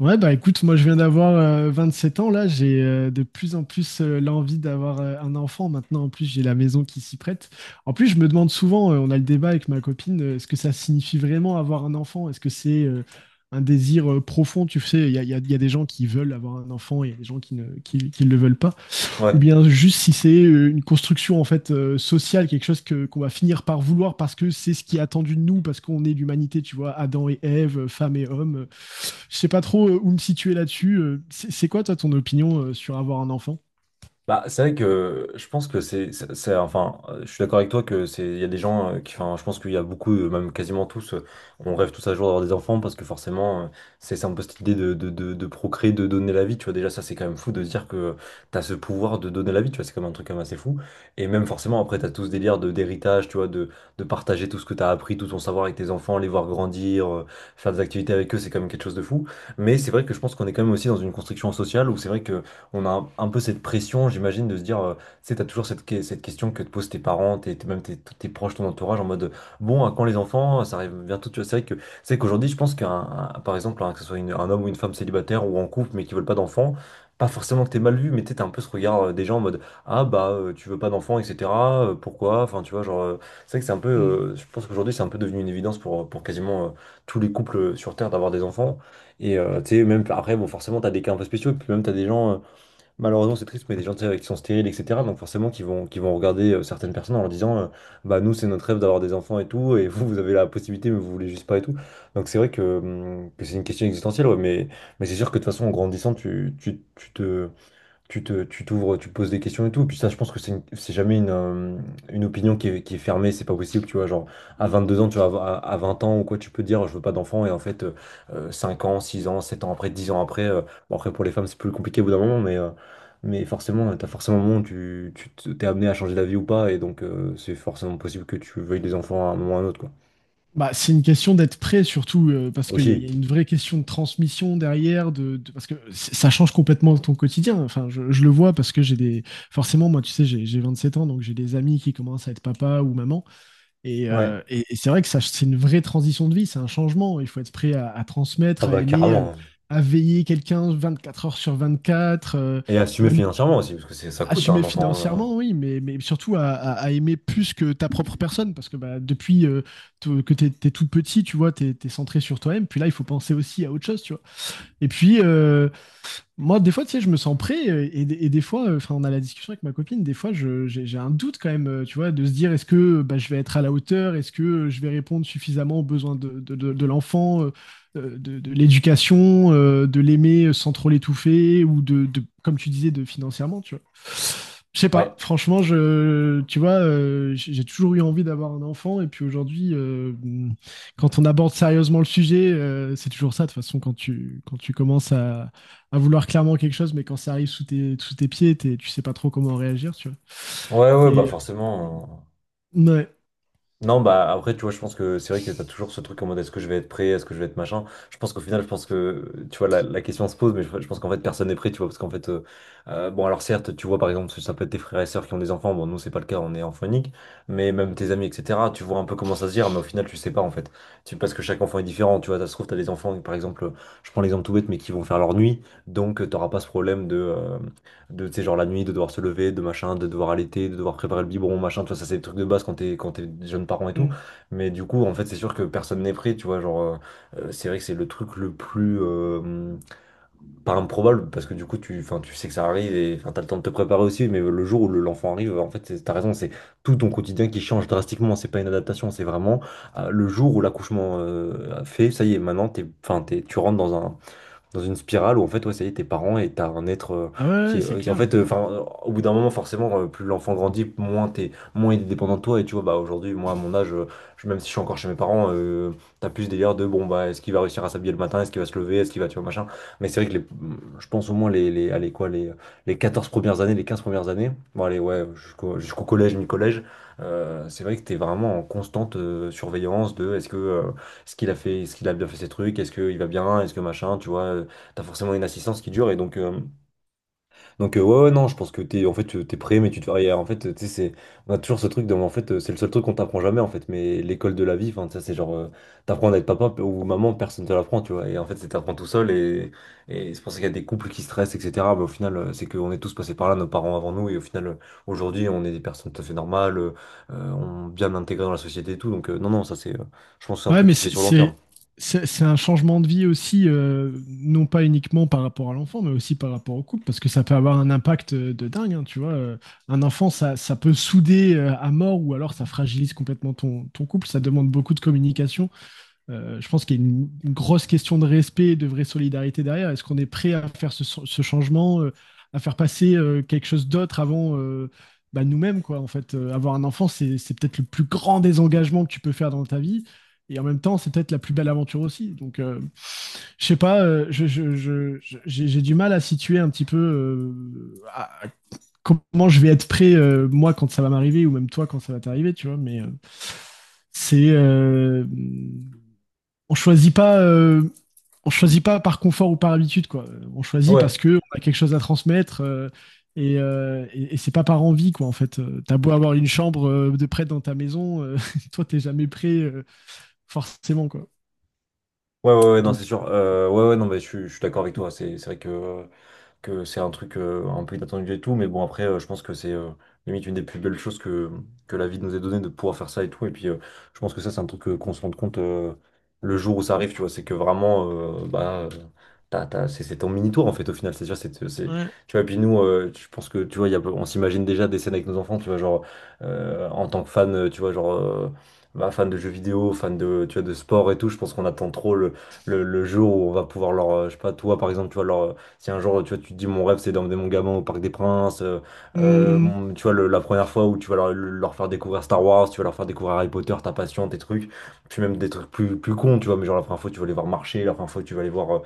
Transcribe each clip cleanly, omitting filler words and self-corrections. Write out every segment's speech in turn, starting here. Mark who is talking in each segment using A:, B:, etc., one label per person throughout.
A: Ouais, bah écoute, moi je viens d'avoir 27 ans, là j'ai de plus en plus l'envie d'avoir un enfant. Maintenant, en plus, j'ai la maison qui s'y prête. En plus, je me demande souvent, on a le débat avec ma copine, est-ce que ça signifie vraiment avoir un enfant? Est-ce que c'est un désir profond? Tu sais, il y a des gens qui veulent avoir un enfant, et il y a des gens qui ne le veulent pas ou
B: Ouais.
A: bien juste si c'est une construction en fait sociale, quelque chose que qu'on va finir par vouloir parce que c'est ce qui est attendu de nous, parce qu'on est l'humanité, tu vois, Adam et Ève, femme et homme. Je sais pas trop où me situer là-dessus. C'est quoi toi ton opinion sur avoir un enfant.
B: Bah, c'est vrai que je pense que je suis d'accord avec toi que il y a des gens enfin, je pense qu'il y a beaucoup, même quasiment tous, on rêve tous un jour d'avoir des enfants parce que forcément, c'est un peu cette idée de procréer, de donner la vie, tu vois. Déjà, ça, c'est quand même fou de se dire que t'as ce pouvoir de donner la vie, tu vois. C'est quand même un truc quand même assez fou. Et même forcément, après, t'as tout ce délire de, d'héritage, tu vois, de partager tout ce que t'as appris, tout ton savoir avec tes enfants, les voir grandir, faire des activités avec eux, c'est quand même quelque chose de fou. Mais c'est vrai que je pense qu'on est quand même aussi dans une construction sociale où c'est vrai que on a un peu cette pression, j'imagine, de se dire, tu sais, t'as toujours cette question que te posent tes parents, tous tes proches, ton entourage, en mode, bon, à quand les enfants? Ça arrive bientôt, tu vois. C'est vrai que, c'est qu'aujourd'hui, je pense par exemple, hein, que ce soit un homme ou une femme célibataire ou en couple, mais qui veulent pas d'enfants, pas forcément que t'es mal vu, mais tu sais, t'as un peu ce regard des gens en mode, ah bah, tu veux pas d'enfants, etc. Pourquoi? Enfin, tu vois, genre, c'est vrai que c'est un peu,
A: Mm.
B: je pense qu'aujourd'hui, c'est un peu devenu une évidence pour quasiment tous les couples sur Terre d'avoir des enfants. Et tu sais, même après, bon, forcément, t'as des cas un peu spéciaux, et puis même t'as des gens. Malheureusement, c'est triste, mais il y a des gens tu sais, qui sont stériles, etc. Donc forcément, qui vont regarder certaines personnes en leur disant, bah nous, c'est notre rêve d'avoir des enfants et tout, et vous, vous avez la possibilité, mais vous voulez juste pas et tout. Donc c'est vrai que c'est une question existentielle, ouais, mais c'est sûr que de toute façon, en grandissant, tu t'ouvres, tu poses des questions et tout. Puis ça, je pense que c'est jamais une opinion qui est fermée, c'est pas possible, tu vois. Genre, à 22 ans, tu vois, à 20 ans ou quoi, tu peux dire, je veux pas d'enfant, et en fait, euh, 6 ans, 7 ans après, 10 ans après, bon, après, pour les femmes, c'est plus compliqué au bout d'un moment, mais forcément, t'as forcément un moment où t'es amené à changer d'avis ou pas, et donc, c'est forcément possible que tu veuilles des enfants à un moment ou à un autre, quoi.
A: Bah, c'est une question d'être prêt, surtout parce a
B: Aussi,
A: une vraie question de transmission derrière, de parce que ça change complètement ton quotidien. Enfin, je le vois parce que j'ai des. Forcément, moi, tu sais, j'ai 27 ans, donc j'ai des amis qui commencent à être papa ou maman.
B: ouais,
A: Et c'est vrai que ça, c'est une vraie transition de vie, c'est un changement. Il faut être prêt à
B: ah
A: transmettre, à
B: bah,
A: aimer,
B: carrément.
A: à veiller quelqu'un 24 heures sur 24,
B: Et assumer
A: même
B: financièrement aussi, parce que ça coûte, hein,
A: assumer
B: un enfant.
A: financièrement, oui, mais surtout à aimer plus que ta propre personne, parce que bah, depuis t'es tout petit, tu vois, t'es centré sur toi-même. Puis là, il faut penser aussi à autre chose, tu vois. Et puis, moi, des fois, tu sais, je me sens prêt et des fois, enfin, on a la discussion avec ma copine, des fois, j'ai un doute quand même, tu vois, de se dire, est-ce que bah, je vais être à la hauteur, est-ce que je vais répondre suffisamment aux besoins de l'enfant, de l'éducation, de l'aimer sans trop l'étouffer ou comme tu disais, de financièrement, tu vois. Je sais pas,
B: Ouais,
A: franchement, tu vois, j'ai toujours eu envie d'avoir un enfant et puis aujourd'hui, quand on aborde sérieusement le sujet, c'est toujours ça, de toute façon, quand tu commences à vouloir clairement quelque chose, mais quand ça arrive sous tes pieds, tu sais pas trop comment réagir, tu vois.
B: ouais, ouais, bah,
A: Et
B: forcément.
A: ouais.
B: Non, bah après, tu vois, je pense que c'est vrai que tu as toujours ce truc en mode est-ce que je vais être prêt, est-ce que je vais être machin. Je pense qu'au final, je pense que, tu vois, la question se pose, mais je pense qu'en fait, personne n'est prêt, tu vois, parce qu'en fait, bon, alors certes, tu vois, par exemple, ça peut être tes frères et sœurs qui ont des enfants, bon, nous, c'est pas le cas, on est enfant unique, mais même tes amis, etc., tu vois un peu comment ça se gère, mais au final, tu sais pas, en fait. Parce que chaque enfant est différent, tu vois, ça se trouve, tu as des enfants, par exemple, je prends l'exemple tout bête, mais qui vont faire leur nuit, donc t'auras pas ce problème de, tu sais, genre la nuit, de devoir se lever, de machin, de devoir allaiter, de devoir préparer le biberon, machin, tu vois, ça c'est des trucs de base quand t'es jeune parent et tout.
A: Mm.
B: Mais du coup, en fait, c'est sûr que personne n'est prêt, tu vois, genre, c'est vrai que c'est le truc le plus, pas improbable, parce que du coup, enfin, tu sais que ça arrive et enfin, t'as le temps de te préparer aussi, mais le jour où l'enfant arrive, en fait, t'as raison, c'est tout ton quotidien qui change drastiquement, c'est pas une adaptation, c'est vraiment le jour où l'accouchement a fait, ça y est, maintenant, tu rentres dans une spirale où en fait ouais ça y est t'es parent et t'as un être
A: Ah ouais,
B: qui
A: ouais,
B: est
A: c'est
B: qui, en
A: clair.
B: fait enfin au bout d'un moment forcément plus l'enfant grandit moins il est dépendant de toi et tu vois bah aujourd'hui moi à mon âge même si je suis encore chez mes parents t'as plus ce délire de bon bah est-ce qu'il va réussir à s'habiller le matin est-ce qu'il va se lever est-ce qu'il va tu vois machin mais c'est vrai que je pense au moins les allez quoi les 14 premières années les 15 premières années bon allez ouais jusqu'au collège mi-collège, c'est vrai que t'es vraiment en constante surveillance de est-ce que ce qu'il a fait, est-ce qu'il a bien fait ses trucs, est-ce qu'il va bien, est-ce que machin, tu vois, t'as forcément une assistance qui dure et donc, ouais, ouais, non, je pense que t'es, en fait, t'es prêt, mais tu te fais rien. En fait, tu sais, c'est, on a toujours ce truc de, en fait, c'est le seul truc qu'on t'apprend jamais, en fait, mais l'école de la vie, enfin, ça, c'est genre, t'apprends à être papa ou maman, personne te l'apprend, tu vois, et en fait, c'est t'apprends tout seul et c'est pour ça qu'il y a des couples qui stressent, etc. Mais au final, c'est qu'on est tous passés par là, nos parents avant nous, et au final, aujourd'hui, on est des personnes tout à fait normales, on bien intégrées dans la société et tout, donc non, non, ça, c'est, je pense que c'est un
A: Ouais,
B: truc
A: mais
B: qui se fait sur le long terme.
A: c'est un changement de vie aussi, non pas uniquement par rapport à l'enfant, mais aussi par rapport au couple, parce que ça peut avoir un impact de dingue, hein, tu vois. Un enfant, ça peut souder à mort, ou alors ça fragilise complètement ton couple, ça demande beaucoup de communication. Je pense qu'il y a une grosse question de respect et de vraie solidarité derrière. Est-ce qu'on est prêt à faire ce changement, à faire passer quelque chose d'autre avant bah, nous-mêmes, quoi. En fait, avoir un enfant, c'est peut-être le plus grand désengagement que tu peux faire dans ta vie. Et en même temps, c'est peut-être la plus belle aventure aussi. Donc, je sais pas, j'ai du mal à situer un petit peu à comment je vais être prêt, moi, quand ça va m'arriver, ou même toi, quand ça va t'arriver, tu vois. Mais c'est. On choisit pas, euh, on choisit pas par confort ou par habitude, quoi. On choisit
B: Ouais,
A: parce que on a quelque chose à transmettre et c'est pas par envie, quoi. En fait, t'as beau avoir une chambre de près dans ta maison, toi t'es jamais prêt, forcément, quoi.
B: ouais, ouais, ouais, non,
A: Donc,
B: c'est sûr. Ouais, ouais, non, mais je suis d'accord avec toi. C'est vrai que c'est un truc un peu inattendu et tout, mais bon après je pense que c'est limite une des plus belles choses que, la vie nous ait donné de pouvoir faire ça et tout, et puis je pense que ça c'est un truc qu'on se rende compte le jour où ça arrive, tu vois, c'est que vraiment, euh, bah, euh, c'est ton mini-tour en fait au final, cest sûr
A: ouais.
B: tu vois, et puis nous, je pense que, tu vois, on s'imagine déjà des scènes avec nos enfants, tu vois, genre, en tant que fan, tu vois, genre... bah, fan de jeux vidéo, fan de, tu vois, de sport et tout, je pense qu'on attend trop le jour où on va pouvoir je sais pas, toi par exemple, tu vois, si un jour, tu vois, tu te dis, mon rêve, c'est d'emmener mon gamin au Parc des Princes,
A: Hmm.
B: tu vois, la première fois où tu vas leur faire découvrir Star Wars, tu vas leur faire découvrir Harry Potter, ta passion, tes trucs, puis même des trucs plus cons, tu vois, mais genre la première fois, tu vas les voir marcher, la première fois, tu vas les voir.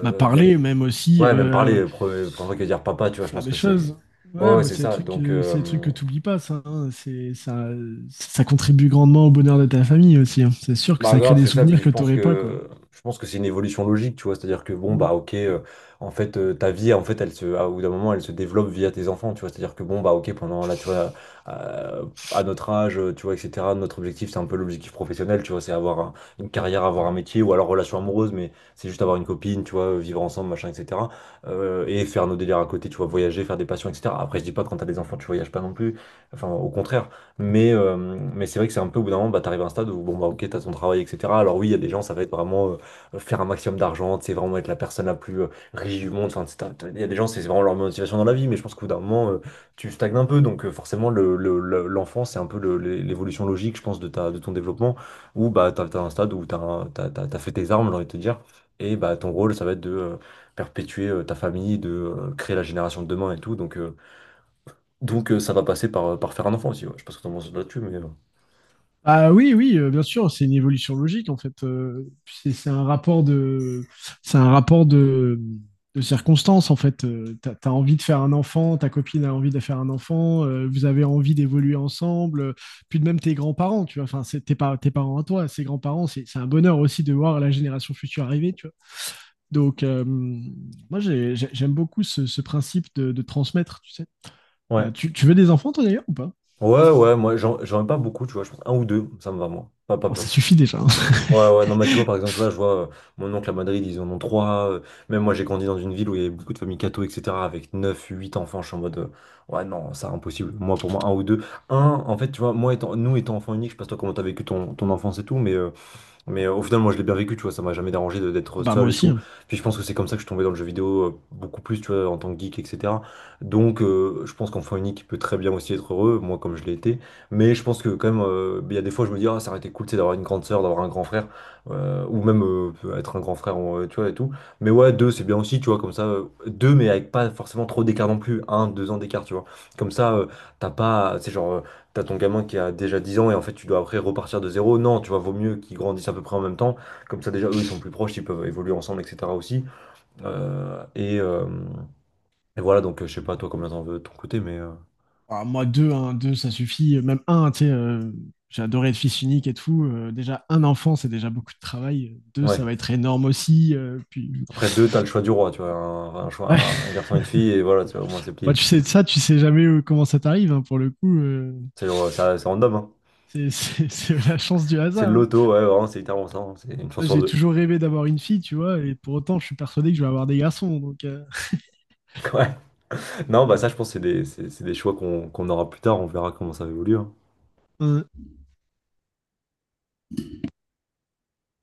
A: Bah,
B: y a-
A: parler, même aussi
B: Ouais, même parler, la première fois qu'il va dire papa, tu vois, je
A: faire
B: pense
A: des
B: que c'est.
A: choses.
B: Ouais,
A: Ouais,
B: ouais,
A: bah,
B: c'est
A: c'est des
B: ça.
A: trucs que t'oublies pas, ça, hein. C'est ça, ça contribue grandement au bonheur de ta famille aussi, hein. C'est sûr que
B: Bah
A: ça crée
B: grave,
A: des
B: c'est ça,
A: souvenirs
B: puis je
A: que
B: pense
A: t'aurais pas, quoi.
B: que je pense que c'est une évolution logique, tu vois, c'est-à-dire que bon
A: Hmm.
B: bah OK en fait ta vie en fait elle se au bout d'un moment elle se développe via tes enfants, tu vois, c'est-à-dire que bon bah OK pendant là tu vois euh, à notre âge, tu vois etc., notre objectif c'est un peu l'objectif professionnel, tu vois, c'est avoir une carrière, avoir un métier ou alors relation amoureuse mais c'est juste avoir une copine, tu vois, vivre ensemble, machin etc. Et faire nos délires à côté, tu vois, voyager, faire des passions etc. Après je dis pas que quand t'as des enfants, tu voyages pas non plus. Enfin au contraire, mais c'est vrai que c'est un peu au bout d'un moment, bah, t'arrives à un stade où, bon, bah, ok, t'as ton travail, etc. Alors oui, il y a des gens, ça va être vraiment faire un maximum d'argent, c'est vraiment être la personne la plus riche du monde. Enfin, il y a des gens, c'est vraiment leur motivation dans la vie, mais je pense qu'au bout d'un moment, tu stagnes un peu. Donc forcément, l'enfant, c'est un peu l'évolution logique, je pense, de ton développement, où bah, t'as un stade où t'as, un- t'as, t'as, t'as fait tes armes, j'ai envie de te dire. Et bah, ton rôle, ça va être de perpétuer ta famille, de créer la génération de demain et tout. Donc ça va passer par, par faire un enfant aussi, ouais. Je sais pas ce que t'en penses là-dessus, mais...
A: Ah oui, oui, bien sûr, c'est une évolution logique en fait. C'est un rapport c'est un rapport de, de circonstances en fait. T'as envie de faire un enfant, ta copine a envie de faire un enfant, vous avez envie d'évoluer ensemble. Puis de même tes grands-parents, tu vois. Enfin, tes parents à toi, ses grands-parents, c'est un bonheur aussi de voir la génération future arriver, tu vois. Donc j'aime beaucoup ce principe de transmettre, tu sais.
B: Ouais.
A: Tu veux des enfants toi d'ailleurs ou pas?
B: Ouais, moi j'en ai pas beaucoup, tu vois, je pense un ou deux, ça me va, moi. Pas, ouais.
A: Oh, ça
B: Plus.
A: suffit déjà, hein.
B: Ouais, ouais, non, mais tu vois, par exemple, là, je vois mon oncle à Madrid, ils en ont 3. Même moi, j'ai grandi dans une ville où il y avait beaucoup de familles catho, etc., avec 9 8 enfants, je suis en mode, ouais, non, ça, impossible. Moi, pour moi, un ou deux. Un, en fait, tu vois, moi, nous, étant enfants uniques, je sais pas toi comment t'as vécu ton enfance et tout, mais au final, moi, je l'ai bien vécu, tu vois, ça m'a jamais dérangé d'être
A: Ah bah moi
B: seul et
A: aussi,
B: tout.
A: hein.
B: Puis je pense que c'est comme ça que je suis tombé dans le jeu vidéo beaucoup plus, tu vois, en tant que geek, etc. Donc, je pense qu'enfant unique, il peut très bien aussi être heureux, moi, comme je l'ai été. Mais je pense que quand même, il y a des fois, je me dis, ah, ça aurait été cool, tu sais, d'avoir une grande sœur, d'avoir un grand frère, ou même être un grand frère, tu vois, et tout. Mais ouais, deux, c'est bien aussi, tu vois, comme ça, deux, mais avec pas forcément trop d'écart non plus, un, 2 ans d'écart, tu vois. Comme ça, t'as pas, c'est genre. T'as ton gamin qui a déjà 10 ans et en fait tu dois après repartir de zéro. Non, tu vois, vaut mieux qu'ils grandissent à peu près en même temps. Comme ça déjà eux ils sont plus proches, ils peuvent évoluer ensemble, etc. aussi. Euh, et, euh, et voilà, donc je sais pas toi combien t'en veux de ton côté, mais
A: Ah, moi, deux, hein, deux, ça suffit. Même un, tu sais, j'ai adoré être fils unique et tout. Déjà, un enfant, c'est déjà beaucoup de travail. Deux, ça
B: ouais.
A: va être énorme aussi, puis,
B: Après deux, t'as le choix du roi, tu vois. Un, un choix,
A: ouais.
B: un, un garçon et une fille, et voilà, tu vois, au moins c'est
A: Moi,
B: plié.
A: tu sais de ça, tu sais jamais comment ça t'arrive, hein, pour le coup.
B: C'est random, hein.
A: C'est la chance du
B: C'est le
A: hasard, hein.
B: loto, ouais, vraiment, c'est littéralement ça, hein. C'est une chance
A: Moi,
B: sur
A: j'ai
B: deux.
A: toujours rêvé d'avoir une fille, tu vois, et pour autant, je suis persuadé que je vais avoir des garçons. Donc,
B: Ouais. Non, bah ça je pense que c'est des, c'est des choix qu'on aura plus tard, on verra comment ça évolue.
A: euh,